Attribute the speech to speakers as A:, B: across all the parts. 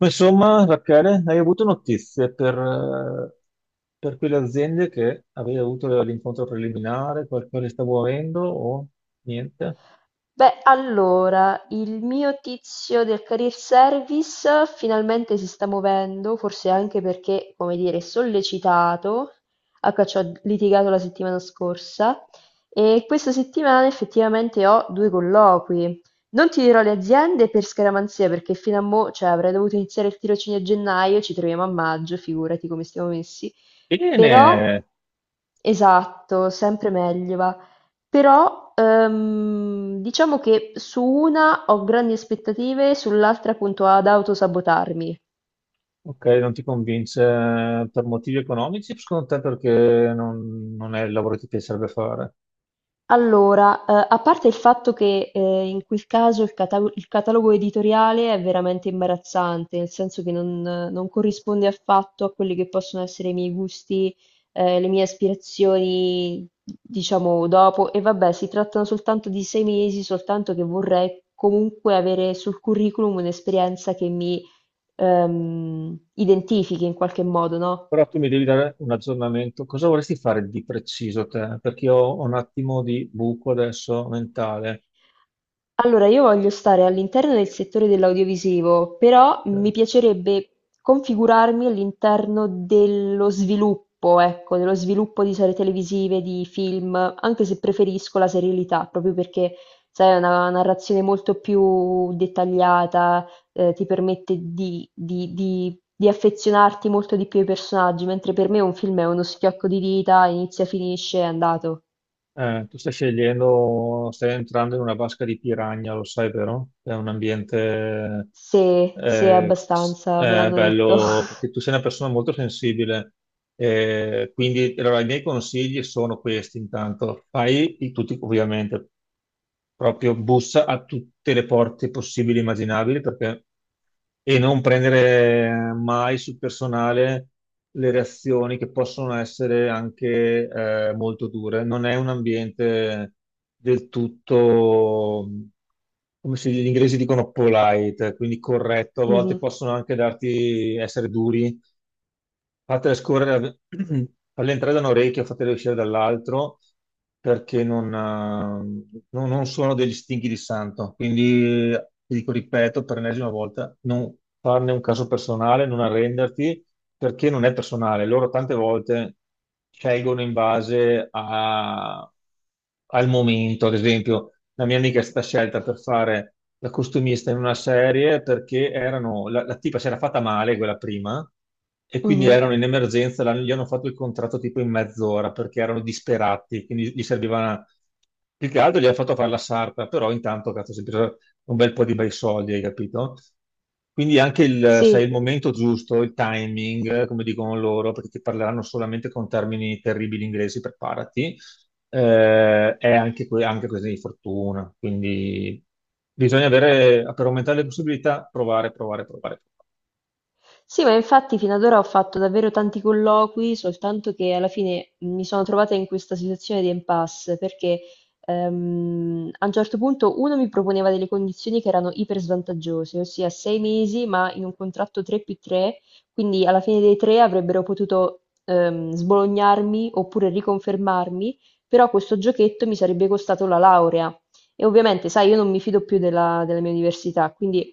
A: Ma insomma, Rachele, hai avuto notizie per quelle aziende che avevi avuto l'incontro preliminare, qualcosa sta muovendo o niente?
B: Beh, allora, il mio tizio del career service finalmente si sta muovendo, forse anche perché, come dire, è sollecitato, a cui ci ho litigato la settimana scorsa, e questa settimana effettivamente ho due colloqui. Non ti dirò le aziende per scaramanzia, perché fino a mo', cioè, avrei dovuto iniziare il tirocinio a gennaio, ci troviamo a maggio, figurati come stiamo messi.
A: Bene,
B: Però, esatto, sempre meglio va. Però, diciamo che su una ho grandi aspettative, sull'altra appunto ad autosabotarmi.
A: ok, non ti convince per motivi economici, secondo te perché non è il lavoro che ti piacerebbe fare.
B: Allora, a parte il fatto che in quel caso il catalogo editoriale è veramente imbarazzante, nel senso che non corrisponde affatto a quelli che possono essere i miei gusti, le mie aspirazioni, diciamo, dopo. E vabbè, si trattano soltanto di 6 mesi, soltanto che vorrei comunque avere sul curriculum un'esperienza che mi identifichi in qualche modo, no?
A: Però tu mi devi dare un aggiornamento, cosa vorresti fare di preciso te? Perché io ho un attimo di buco adesso mentale.
B: Allora, io voglio stare all'interno del settore dell'audiovisivo, però mi
A: Ok.
B: piacerebbe configurarmi all'interno dello sviluppo, ecco, dello sviluppo di serie televisive, di film, anche se preferisco la serialità, proprio perché, sai, è una narrazione molto più dettagliata, ti permette di affezionarti molto di più ai personaggi, mentre per me un film è uno schiocco di dita, inizia, finisce, è andato.
A: Tu stai scegliendo, stai entrando in una vasca di piranha, lo sai, vero? È un ambiente
B: Se, se è abbastanza, me l'hanno detto.
A: bello, perché tu sei una persona molto sensibile. Quindi, allora, i miei consigli sono questi, intanto. Fai tutti, ovviamente, proprio bussa a tutte le porte possibili e immaginabili, perché. E non prendere mai sul personale le reazioni che possono essere anche molto dure. Non è un ambiente del tutto, come se gli inglesi dicono polite, quindi corretto. A volte
B: Mh-mh,
A: possono anche darti, essere duri. Fatele scorrere, farle entrare da un orecchio, fatele uscire dall'altro, perché non sono degli stinchi di santo. Quindi, ti dico, ripeto, per l'ennesima volta, non farne un caso personale, non arrenderti, perché non è personale. Loro tante volte scelgono in base al momento, ad esempio la mia amica è stata scelta per fare la costumista in una serie perché erano, la tipa si era fatta male quella prima e quindi
B: mh-mh.
A: erano in emergenza, gli hanno fatto il contratto tipo in mezz'ora perché erano disperati, quindi gli serviva più che altro gli hanno fatto fare la sarta, però intanto cazzo, si è preso un bel po' di bei soldi, hai capito? Quindi anche il, sai, il
B: Sì.
A: momento giusto, il timing, come dicono loro, perché ti parleranno solamente con termini terribili inglesi, preparati. È anche, anche questione di fortuna, quindi bisogna avere, per aumentare le possibilità, provare, provare, provare.
B: Sì, ma infatti fino ad ora ho fatto davvero tanti colloqui, soltanto che alla fine mi sono trovata in questa situazione di impasse, perché a un certo punto uno mi proponeva delle condizioni che erano iper svantaggiose, ossia sei mesi, ma in un contratto 3 più 3, quindi alla fine dei tre avrebbero potuto sbolognarmi oppure riconfermarmi, però questo giochetto mi sarebbe costato la laurea. E ovviamente, sai, io non mi fido più della mia università, quindi...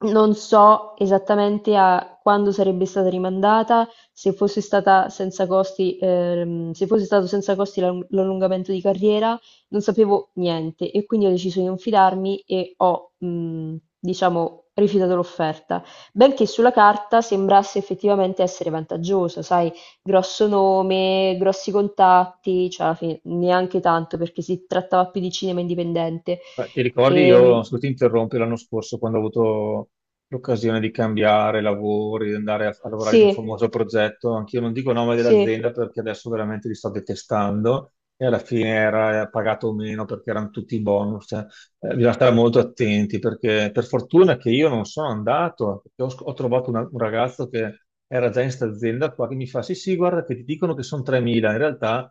B: Non so esattamente a quando sarebbe stata rimandata, se fosse stata senza costi, se fosse stato senza costi l'allungamento di carriera, non sapevo niente e quindi ho deciso di non fidarmi e ho, diciamo, rifiutato l'offerta. Benché sulla carta sembrasse effettivamente essere vantaggiosa, sai, grosso nome, grossi contatti, cioè alla fine neanche tanto perché si trattava più di cinema indipendente.
A: Beh, ti ricordi, io
B: E,
A: se ti interrompi l'anno scorso quando ho avuto l'occasione di cambiare lavori, di andare a, a lavorare in un
B: sì,
A: famoso progetto, anch'io non dico nome
B: sì.
A: dell'azienda perché adesso veramente li sto detestando e alla fine era pagato meno perché erano tutti bonus, cioè, bisogna stare molto attenti perché per fortuna che io non sono andato, perché ho trovato un ragazzo che era già in sta azienda qua che mi fa sì sì guarda che ti dicono che sono 3.000, in realtà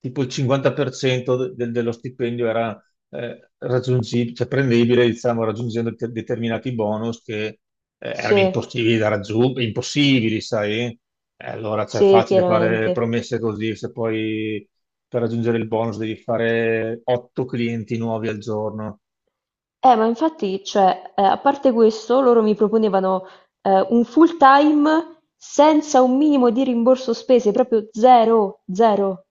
A: tipo il 50% dello stipendio era raggiungibile, cioè prendibile, diciamo, raggiungendo determinati bonus che erano
B: Sì,
A: impossibili da raggiungere, impossibili, sai? E allora, cioè, è
B: sì,
A: facile fare
B: chiaramente.
A: promesse così, se poi per raggiungere il bonus devi fare otto clienti nuovi al giorno.
B: Ma infatti, cioè, a parte questo, loro mi proponevano un full time senza un minimo di rimborso spese, proprio zero, zero.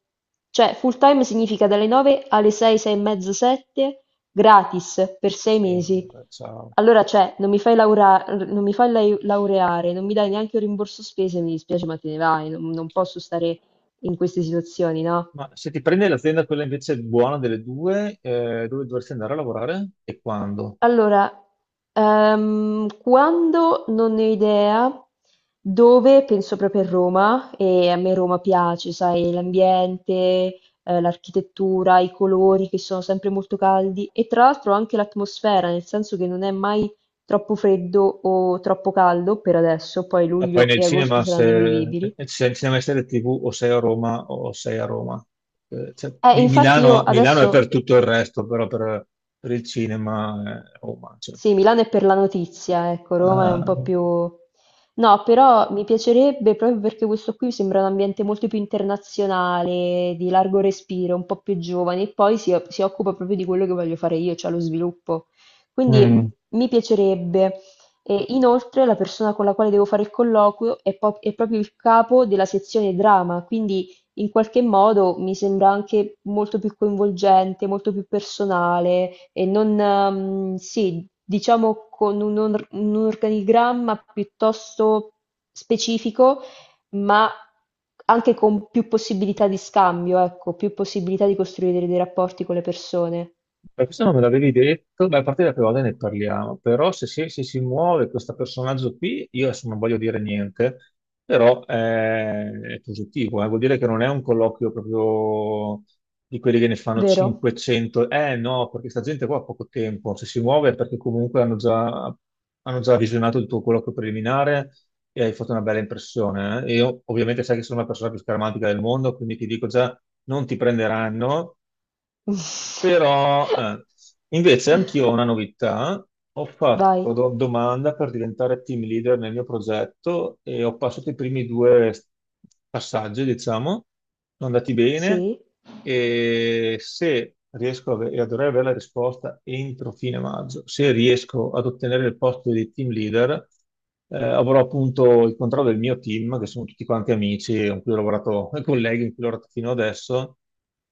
B: Cioè, full time significa dalle 9 alle 6, 6 e mezza, 7, gratis per sei
A: Sì,
B: mesi.
A: vabbè, ciao.
B: Allora, cioè, non mi fai laura- non mi fai lai- laureare, non mi dai neanche un rimborso spese, mi dispiace, ma te ne vai, non posso stare in queste situazioni, no?
A: Ma se ti prende l'azienda quella invece buona delle due, dove dovresti andare a lavorare e quando?
B: Allora, quando non ne ho idea, dove penso proprio a Roma, e a me Roma piace, sai, l'ambiente, l'architettura, i colori che sono sempre molto caldi e tra l'altro anche l'atmosfera, nel senso che non è mai troppo freddo o troppo caldo per adesso, poi
A: Ma poi
B: luglio
A: nel
B: e agosto
A: cinema,
B: saranno
A: se,
B: invivibili.
A: se al cinema e serie TV o sei a Roma o sei a Roma. Cioè, Mi-
B: Infatti io
A: Milano, Milano è per
B: adesso
A: tutto il resto, però per il cinema è Roma. Cioè.
B: sì, Milano è per la notizia, ecco, Roma è un po'
A: Eh,
B: più... No, però mi piacerebbe proprio perché questo qui mi sembra un ambiente molto più internazionale, di largo respiro, un po' più giovane, e poi si occupa proprio di quello che voglio fare io, cioè lo sviluppo. Quindi
A: mm.
B: mi piacerebbe. E inoltre la persona con la quale devo fare il colloquio è proprio il capo della sezione drama, quindi in qualche modo mi sembra anche molto più coinvolgente, molto più personale e non, sì, diciamo con un organigramma piuttosto specifico, ma anche con più possibilità di scambio, ecco, più possibilità di costruire dei rapporti con le persone,
A: Per questo non me l'avevi detto, beh, a parte la prima volta ne parliamo, però se si muove questo personaggio qui, io adesso non voglio dire niente, però, è positivo, vuol dire che non è un colloquio proprio di quelli che ne fanno
B: vero?
A: 500, eh no, perché sta gente qua ha poco tempo, se si muove è perché comunque hanno già visionato il tuo colloquio preliminare e hai fatto una bella impressione, eh. Io ovviamente sai che sono la persona più scaramantica del mondo, quindi ti dico già, non ti prenderanno però, invece, anch'io ho una novità. Ho
B: Vai,
A: fatto domanda per diventare team leader nel mio progetto e ho passato i primi due passaggi, diciamo, sono andati bene
B: sì,
A: e se riesco e dovrei avere la risposta entro fine maggio, se riesco ad ottenere il posto di team leader, avrò appunto il controllo del mio team, che sono tutti quanti amici con cui ho lavorato, colleghi con cui ho lavorato fino adesso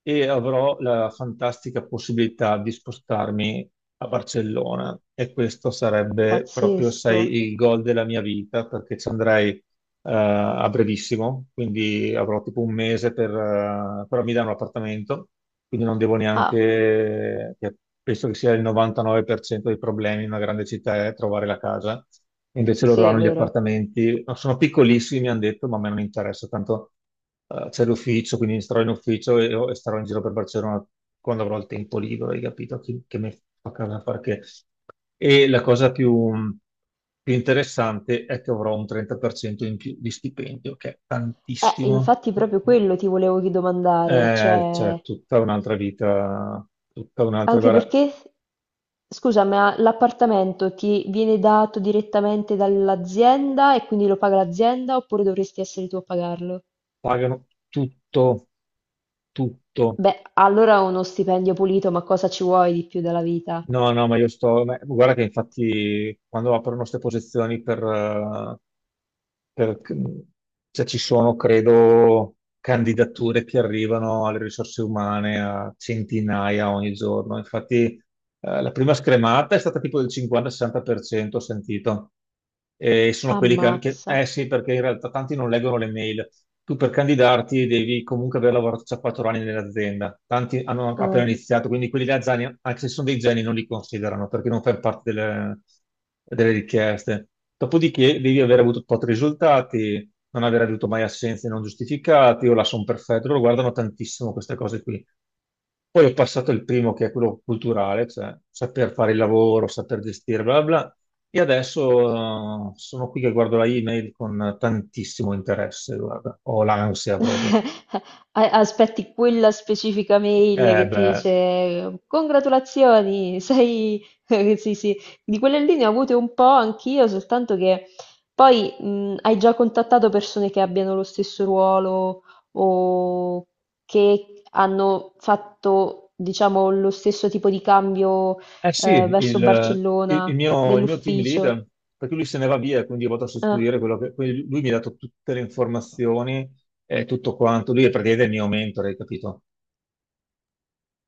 A: e avrò la fantastica possibilità di spostarmi a Barcellona e questo sarebbe proprio,
B: pazzesco.
A: sai, il goal della mia vita perché ci andrei a brevissimo, quindi avrò tipo un mese per affittare un appartamento, quindi non devo
B: Ah,
A: neanche, che penso che sia il 99% dei problemi in una grande città è trovare la casa, invece
B: sì,
A: loro
B: è
A: hanno gli
B: vero.
A: appartamenti, no, sono piccolissimi, mi hanno detto, ma a me non interessa, tanto c'è l'ufficio, quindi starò in ufficio e starò in giro per Barcellona quando avrò il tempo libero, hai capito? Che, mi fa casa a fare che. E la cosa più interessante è che avrò un 30% in più di stipendio, che è tantissimo.
B: Infatti proprio quello ti volevo domandare,
A: Cioè,
B: cioè,
A: tutta un'altra vita, tutta un'altra,
B: anche
A: guarda,
B: perché, scusa, ma l'appartamento ti viene dato direttamente dall'azienda e quindi lo paga l'azienda oppure dovresti essere tu a pagarlo?
A: pagano tutto, tutto.
B: Beh, allora uno stipendio pulito, ma cosa ci vuoi di più dalla vita?
A: No, no, ma io sto, guarda che infatti quando aprono queste posizioni per, per- cioè, ci sono, credo, candidature che arrivano alle risorse umane a centinaia ogni giorno. Infatti, la prima scremata è stata tipo del 50-60%, ho sentito. E sono quelli
B: Ammazza.
A: eh sì, perché in realtà tanti non leggono le mail. Tu per candidarti devi comunque aver lavorato già 4 anni nell'azienda. Tanti hanno appena
B: Ah.
A: iniziato, quindi quelli là, già, anche se sono dei geni, non li considerano perché non fanno parte delle richieste. Dopodiché devi aver avuto tot risultati, non aver avuto mai assenze non giustificate, o la son perfetto, loro guardano tantissimo queste cose qui. Poi ho passato il primo, che è quello culturale, cioè saper fare il lavoro, saper gestire, bla bla. Bla. E adesso sono qui che guardo la email con tantissimo interesse, guarda. Ho l'ansia proprio.
B: A- Aspetti quella specifica mail che ti
A: Beh.
B: dice congratulazioni, sei... Sì, sì, di quelle lì ne ho avute un po' anch'io, soltanto che poi hai già contattato persone che abbiano lo stesso ruolo o che hanno fatto, diciamo, lo stesso tipo di cambio
A: Eh sì, il,
B: verso
A: il- il
B: Barcellona
A: mio, il mio team
B: nell'ufficio.
A: leader, perché lui se ne va via, quindi io vado a
B: Ah.
A: sostituire quello che. Quindi lui mi ha dato tutte le informazioni e tutto quanto. Lui è praticamente il mio mentore, hai capito?